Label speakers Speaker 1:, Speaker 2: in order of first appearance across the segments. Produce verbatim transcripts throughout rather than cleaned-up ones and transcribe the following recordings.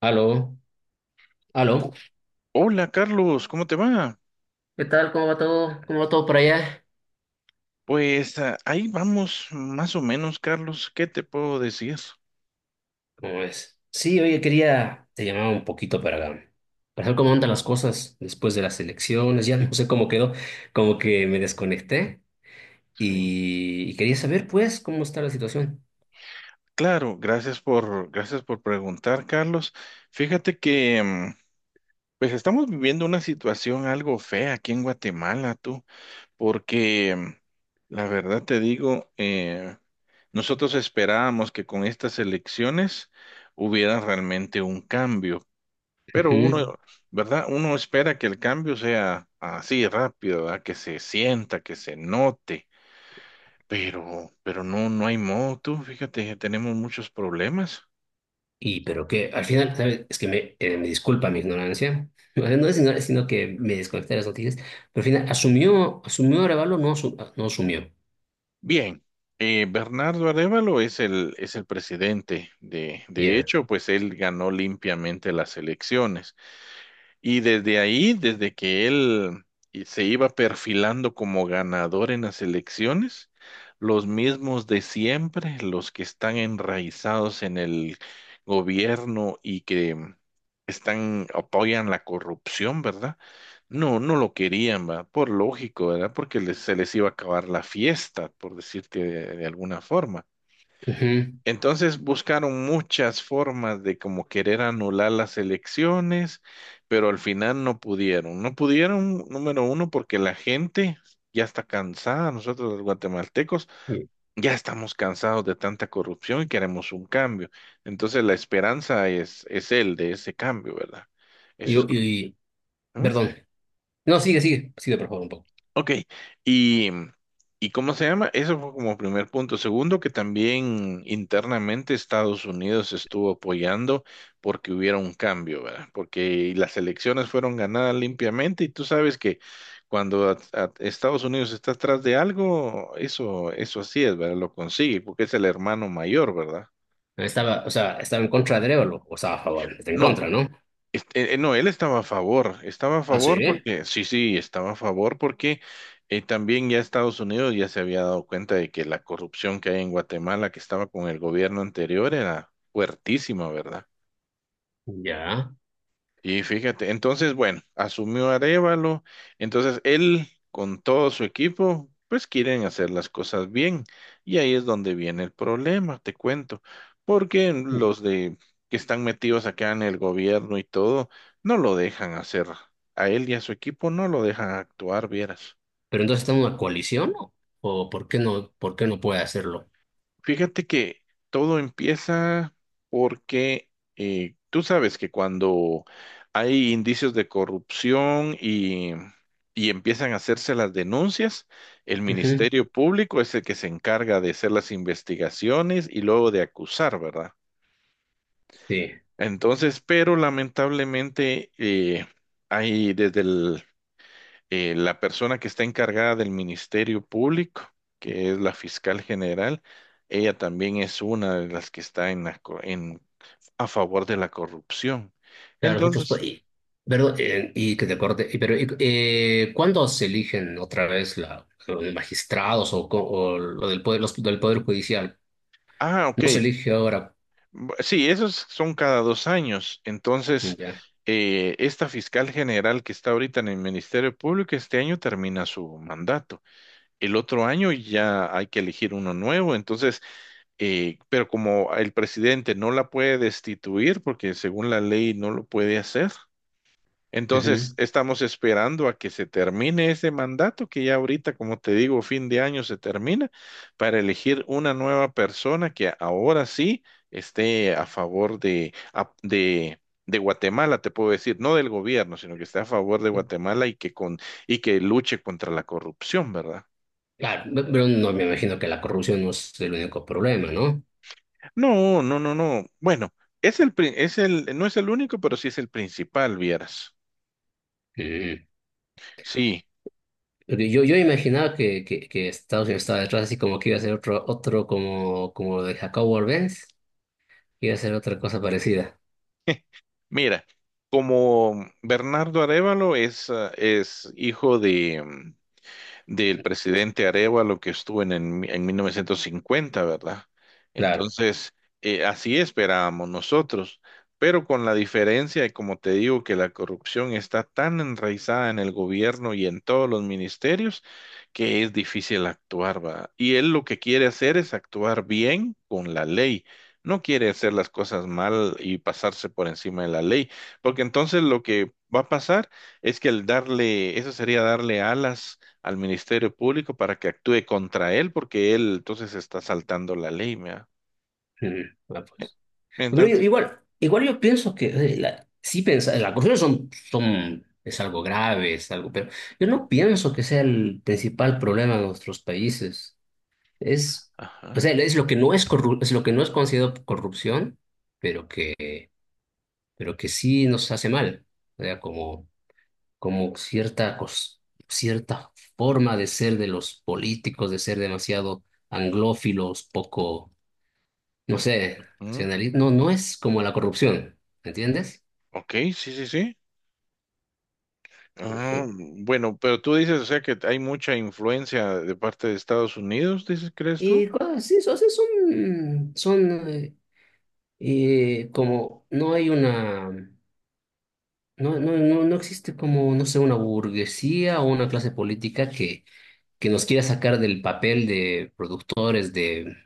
Speaker 1: Aló, aló.
Speaker 2: Hola Carlos, ¿cómo te va?
Speaker 1: ¿Qué tal? ¿Cómo va todo? ¿Cómo va todo por allá?
Speaker 2: Pues ah, ahí vamos más o menos, Carlos, ¿qué te puedo decir?
Speaker 1: ¿Cómo ves? Sí, oye, quería, te llamaba un poquito para, para ver cómo andan las cosas después de las elecciones, ya no sé cómo quedó, como que me desconecté
Speaker 2: Sí,
Speaker 1: y, y quería saber, pues, cómo está la situación.
Speaker 2: claro, gracias por, gracias por preguntar, Carlos. Fíjate que mm, pues estamos viviendo una situación algo fea aquí en Guatemala, tú, porque mm, la verdad te digo, eh, nosotros esperábamos que con estas elecciones hubiera realmente un cambio. Pero
Speaker 1: Ujú.
Speaker 2: uno, ¿verdad? Uno espera que el cambio sea así rápido, ¿verdad? Que se sienta, que se note, pero, pero no, no hay modo, tú, fíjate, tenemos muchos problemas.
Speaker 1: Y pero que al final, ¿sabes? Es que me, eh, me disculpa mi ignorancia, o sea, no es ignorancia, sino que me desconecté de las noticias, pero al final asumió, asumió Arevalo, no, asu- ah, no asumió.
Speaker 2: Bien, eh, Bernardo Arévalo es el, es el presidente, de, de
Speaker 1: Ya.
Speaker 2: hecho, pues él ganó limpiamente las elecciones. Y desde ahí, desde que él y- se iba perfilando como ganador en las elecciones, los mismos de siempre, los que están enraizados en el gobierno y que están, apoyan la corrupción, ¿verdad? No, no lo querían, ¿verdad? Por lógico, ¿verdad? Porque les- se les iba a acabar la fiesta, por decirte de de alguna forma.
Speaker 1: Ujú.
Speaker 2: Entonces buscaron muchas formas de como querer anular las elecciones, pero al final no pudieron. No pudieron, número uno, porque la gente ya está cansada. Nosotros los guatemaltecos
Speaker 1: Y,
Speaker 2: ya estamos cansados de tanta corrupción y queremos un cambio. Entonces la esperanza es, es el de ese cambio, ¿verdad? Eso es...
Speaker 1: y, y-
Speaker 2: ¿Mm?
Speaker 1: Perdón. No, sigue, sigue, sigue, por favor, un poco.
Speaker 2: Ok, y, ¿y cómo se llama? Eso fue como primer punto. Segundo, que también internamente Estados Unidos estuvo apoyando porque hubiera un cambio, ¿verdad? Porque las elecciones fueron ganadas limpiamente y tú sabes que cuando a- a- Estados Unidos está atrás de algo, eso, eso así es, ¿verdad? Lo consigue porque es el hermano mayor, ¿verdad?
Speaker 1: Estaba, o sea, estaba en contra de Arevalo, o estaba a favor, está en
Speaker 2: No,
Speaker 1: contra, ¿no?
Speaker 2: Este, eh, eh, no, él estaba a favor, estaba a
Speaker 1: Ah, sí,
Speaker 2: favor porque, sí, sí, estaba a favor porque eh, también ya Estados Unidos ya se había dado cuenta de que la corrupción que hay en Guatemala que estaba con el gobierno anterior era fuertísima, ¿verdad?
Speaker 1: ya.
Speaker 2: Y fíjate, entonces, bueno, asumió Arévalo, entonces él con todo su equipo, pues quieren hacer las cosas bien. Y ahí es donde viene el problema, te cuento, porque los de que están metidos acá en el gobierno y todo, no lo dejan hacer. A él y a su equipo no lo dejan actuar, vieras.
Speaker 1: Pero entonces está en una coalición, ¿no? ¿O por qué no, por qué no, puede hacerlo?
Speaker 2: Fíjate que todo empieza porque eh, tú sabes que cuando hay indicios de corrupción y, y empiezan a hacerse las denuncias, el
Speaker 1: Ujú.
Speaker 2: Ministerio Público es el que se encarga de hacer las investigaciones y luego de acusar, ¿verdad?
Speaker 1: Sí,
Speaker 2: Entonces, pero lamentablemente eh, hay desde el eh, la persona que está encargada del Ministerio Público, que es la fiscal general, ella también es una de las que está en la co- en, a favor de la corrupción.
Speaker 1: claro, nosotros, pues,
Speaker 2: Entonces,
Speaker 1: y, pero, eh, y que te corte, y, pero, y, eh, ¿cuándo se eligen otra vez la, los magistrados, o, co- o lo del poder, los del poder judicial?
Speaker 2: ah, ok.
Speaker 1: No se elige ahora,
Speaker 2: Bu- Sí, esos son cada dos años. Entonces,
Speaker 1: ya.
Speaker 2: eh, esta fiscal general que está ahorita en el Ministerio Público, este año termina su mandato. El otro año ya hay que elegir uno nuevo. Entonces, Eh, pero como el presidente no la puede destituir, porque según la ley no lo puede hacer, entonces
Speaker 1: Ujú.
Speaker 2: estamos esperando a que se termine ese mandato, que ya ahorita, como te digo, fin de año se termina, para elegir una nueva persona que ahora sí esté a favor de, a- de, de Guatemala, te puedo decir, no del gobierno, sino que esté a favor de Guatemala y que, con, y que luche contra la corrupción, ¿verdad?
Speaker 1: Claro, pe- pero no me imagino que la corrupción no es el único problema, ¿no?
Speaker 2: No, no, no, no. Bueno, es el, pri- es el, no es el único, pero sí es el principal, vieras.
Speaker 1: Ujú.
Speaker 2: Sí,
Speaker 1: Pero Yo, yo imaginaba que, que, que Estados Unidos estaba detrás, así como que iba a ser otro, otro, como, como lo de Jacob Warbenz, que iba a ser otra cosa parecida.
Speaker 2: mira, como Bernardo Arévalo es, ah, es hijo de, mm, del presidente Arevalo que estuvo en, en, en mil novecientos cincuenta, ¿verdad?
Speaker 1: Claro.
Speaker 2: Entonces, eh, así esperábamos nosotros, pero con la diferencia, y como te digo, que la corrupción está tan enraizada en el gobierno y en todos los ministerios que es difícil actuar, ¿va? Y él lo que quiere hacer es actuar bien con la ley. No quiere hacer las cosas mal y pasarse por encima de la ley, porque entonces lo que va a pasar es que el darle, eso sería darle alas al Ministerio Público para que actúe contra él porque él entonces está saltando la ley, ¿me
Speaker 1: Mm, bueno, pues.
Speaker 2: Mientras
Speaker 1: Pero yo-
Speaker 2: tanto,
Speaker 1: igual, igual yo pienso que eh, la, sí pensa, las acusaciones son, son, es algo grave, es algo, pero yo no pienso que sea el principal problema de nuestros países. Es, o
Speaker 2: ajá,
Speaker 1: sea, es lo que no es corru- es lo que no es considerado corrupción, pero que, pero que sí nos hace mal. O sea, como como cierta, cos- cierta forma de ser de los políticos, de ser demasiado anglófilos, poco, no sé,
Speaker 2: mm,
Speaker 1: nacionalistas. No, no es como la corrupción, ¿entiendes?
Speaker 2: ok, sí, sí, sí. Ah,
Speaker 1: Eh,
Speaker 2: bueno, pero tú dices, o sea, que hay mucha influencia de parte de Estados Unidos, dices, ¿crees tú?
Speaker 1: Y cosas así, o sea, son, son eh, eh, como, no hay una, no, no, no, no existe, como, no sé, una burguesía o una clase política que que nos quiera sacar del papel de productores de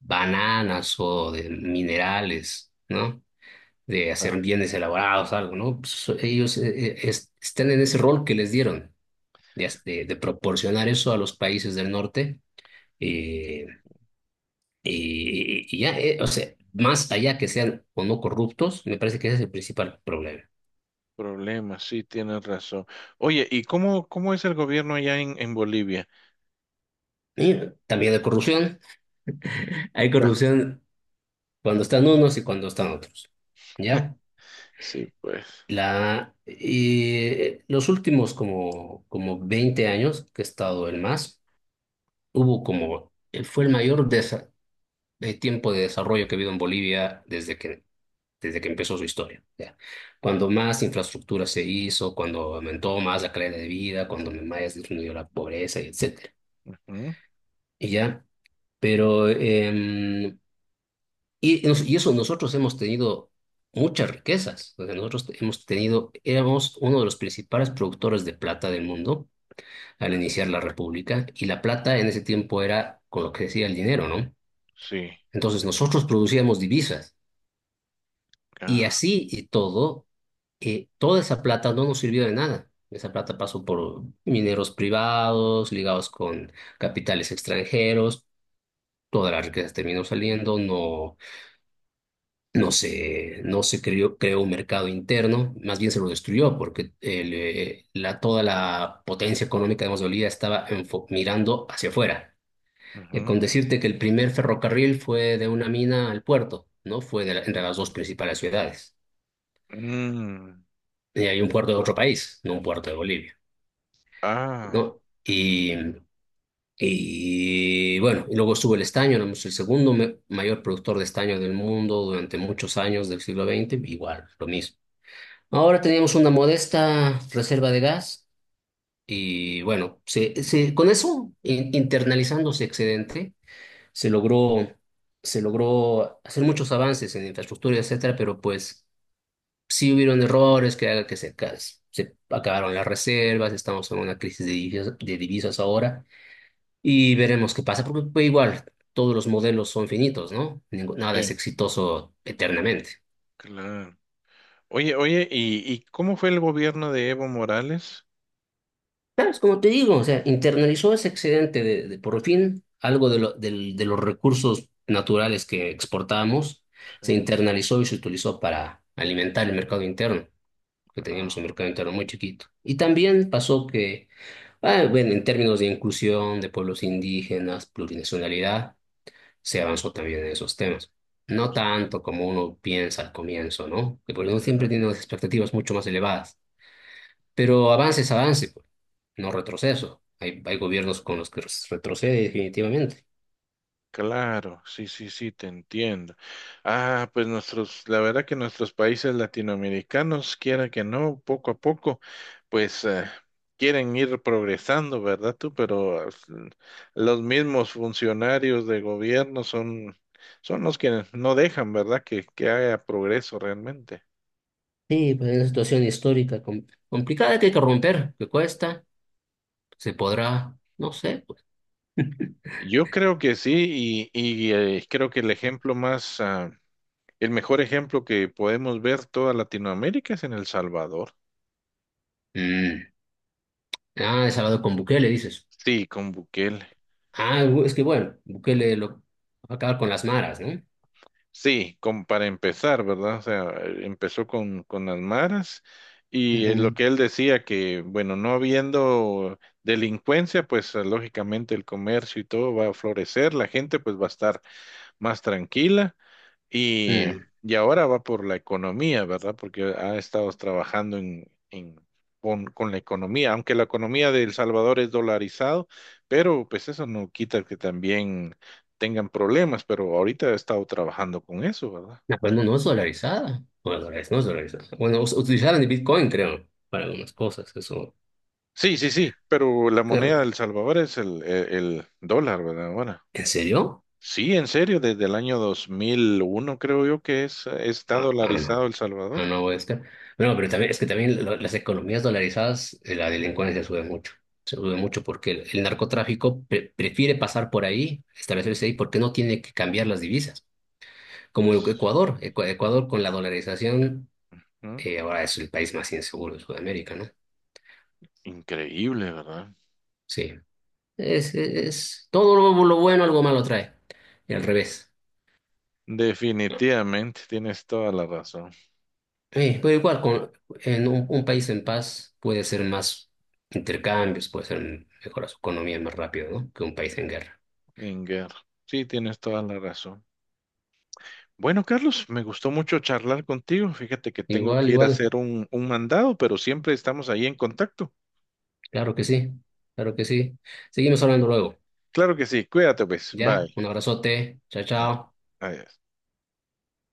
Speaker 1: bananas o de minerales, ¿no? De
Speaker 2: Ah,
Speaker 1: hacer bienes elaborados, algo, ¿no? Pues, ellos eh, eh, es- están en ese rol que les dieron, de, as- de- de proporcionar eso a los países del norte. eh, y, y ya, eh, o sea, más allá que sean o no corruptos, me parece que ese es el principal problema.
Speaker 2: problema, sí, tienes razón. Oye, ¿y cómo, cómo es el gobierno allá en, en Bolivia?
Speaker 1: Y también hay corrupción. Hay corrupción cuando están unos y cuando están otros.
Speaker 2: Ah,
Speaker 1: ¿Ya?
Speaker 2: sí, pues.
Speaker 1: La, y los últimos como, como veinte años que he estado el MAS, hubo como, fue el mayor desa- de tiempo de desarrollo que ha habido en Bolivia desde que, desde que empezó su historia. Ya. Cuando más infraestructura se hizo, cuando aumentó más la calidad de vida, cuando más disminuyó la pobreza, y etcétera.
Speaker 2: Ujú,
Speaker 1: Y ya, pero, em, y, nos- y eso nosotros hemos tenido muchas riquezas. O sea, nosotros hemos tenido, éramos uno de los principales productores de plata del mundo al iniciar la República, y la plata en ese tiempo era con lo que decía el dinero, ¿no?
Speaker 2: sí.
Speaker 1: Entonces nosotros producíamos divisas y,
Speaker 2: Ah,
Speaker 1: así y todo, eh, toda esa plata no nos sirvió de nada. Esa plata pasó por mineros privados, ligados con capitales extranjeros. Todas las riquezas terminó saliendo, no. No se, no se creó, creó un mercado interno, más bien se lo destruyó, porque el, eh, la, toda la potencia económica de Mosgolía estaba enfo- mirando hacia afuera. Eh,
Speaker 2: ujú,
Speaker 1: con decirte que el primer ferrocarril fue de una mina al puerto, ¿no? Fue de la- entre las dos principales ciudades.
Speaker 2: mm,
Speaker 1: Y hay un puerto de otro país, no un puerto de Bolivia,
Speaker 2: ah,
Speaker 1: ¿no? Y, y bueno, y luego estuvo el estaño, éramos el segundo me- mayor productor de estaño del mundo durante muchos años del siglo veinte, igual, lo mismo. Ahora teníamos una modesta reserva de gas y bueno, se, se- con eso, in- internalizando ese excedente, se logró, se logró hacer muchos avances en infraestructura, etcétera, pero pues sí hubieron errores que haga que se, ca- se acabaron las reservas, estamos en una crisis de divisas, de divisas, ahora, y veremos qué pasa, porque pues, igual todos los modelos son finitos, ¿no? Ningú- nada es
Speaker 2: sí,
Speaker 1: exitoso eternamente.
Speaker 2: claro. Oye, oye, ¿y, y cómo fue el gobierno de Evo Morales?
Speaker 1: ¿Sabes? Como te digo, o sea, internalizó ese excedente de, de por fin algo de, lo- del- de los recursos naturales que exportamos,
Speaker 2: Sí.
Speaker 1: se internalizó y se utilizó para alimentar el mercado interno, que teníamos un
Speaker 2: Ah,
Speaker 1: mercado interno muy chiquito. Y también pasó que, ah, bueno, en términos de inclusión de pueblos indígenas, plurinacionalidad, se avanzó también en esos temas. No tanto como uno piensa al comienzo, ¿no? Que por uno
Speaker 2: ujú,
Speaker 1: siempre tiene unas expectativas mucho más elevadas. Pero avance es avance, pues, no retroceso. Hay, hay gobiernos con los que retrocede definitivamente.
Speaker 2: claro, sí, sí, sí, te entiendo. Ah, pues nuestros, la verdad que nuestros países latinoamericanos, quiera que no, poco a poco, pues eh, quieren ir progresando, ¿verdad tú? Pero eh, los mismos funcionarios de gobierno son, son los que no dejan, ¿verdad? Que, que haya progreso realmente.
Speaker 1: Sí, pues es una situación histórica com- complicada que hay que romper, que cuesta, se podrá, no sé, pues.
Speaker 2: Yo creo que sí, y, y eh, creo que el ejemplo más... ah, el mejor ejemplo que podemos ver toda Latinoamérica es en El Salvador.
Speaker 1: Mm. Ah, has hablado con Bukele, dices.
Speaker 2: Sí, con Bukele.
Speaker 1: Ah, es que bueno, Bukele lo va a acabar con las maras, ¿no?
Speaker 2: Sí, con, para empezar, ¿verdad? O sea, empezó con, con las maras y eh, lo
Speaker 1: Ujú.
Speaker 2: que él decía que, bueno, no habiendo delincuencia, pues eh, lógicamente el comercio y todo va a florecer, la gente pues va a estar más tranquila. Y,
Speaker 1: Mm.
Speaker 2: y ahora va por la economía, ¿verdad? Porque ha estado trabajando en, en- con, con la economía, aunque la economía de El Salvador es dolarizado, pero pues eso no quita que también tengan problemas, pero ahorita ha estado trabajando con eso, ¿verdad?
Speaker 1: No, pues no, no es dolarizada. Bueno, dolarizada, no es dolarizada. Bueno, us- utilizaron el Bitcoin, creo, para algunas cosas, eso.
Speaker 2: Sí, sí, sí, pero la
Speaker 1: Claro.
Speaker 2: moneda de El Salvador es el, el, el dólar, ¿verdad? Ahora.
Speaker 1: ¿En serio?
Speaker 2: Sí, en serio, desde el año dos mil uno creo yo que es, está
Speaker 1: Ah, ah,
Speaker 2: dolarizado
Speaker 1: no.
Speaker 2: El
Speaker 1: Ah,
Speaker 2: Salvador.
Speaker 1: no, es que... Bueno, pero también, es que también lo- las economías dolarizadas, eh, la delincuencia sube mucho. Se sube mucho porque el, el narcotráfico pre- prefiere pasar por ahí, establecerse ahí, porque no tiene que cambiar las divisas. Como Ecuador, Ecua- Ecuador, con la dolarización,
Speaker 2: ¿No?
Speaker 1: eh, ahora es el país más inseguro de Sudamérica, ¿no?
Speaker 2: Increíble, ¿verdad?
Speaker 1: Sí. Es, es, es- todo lo, lo bueno, algo malo trae. Y al revés.
Speaker 2: Definitivamente, tienes toda la razón,
Speaker 1: Eh, pero igual, con, en un, un país en paz puede ser más intercambios, puede ser mejora su economía más rápido, ¿no? Que un país en guerra.
Speaker 2: Inger. Sí, tienes toda la razón. Bueno, Carlos, me gustó mucho charlar contigo. Fíjate que tengo
Speaker 1: Igual,
Speaker 2: que ir a
Speaker 1: igual.
Speaker 2: hacer un, un mandado, pero siempre estamos ahí en contacto.
Speaker 1: Claro que sí. Claro que sí. Seguimos hablando luego.
Speaker 2: Claro que sí, cuídate pues,
Speaker 1: ¿Ya?
Speaker 2: bye.
Speaker 1: Un abrazote. Chao,
Speaker 2: Ah,
Speaker 1: chao.
Speaker 2: adiós.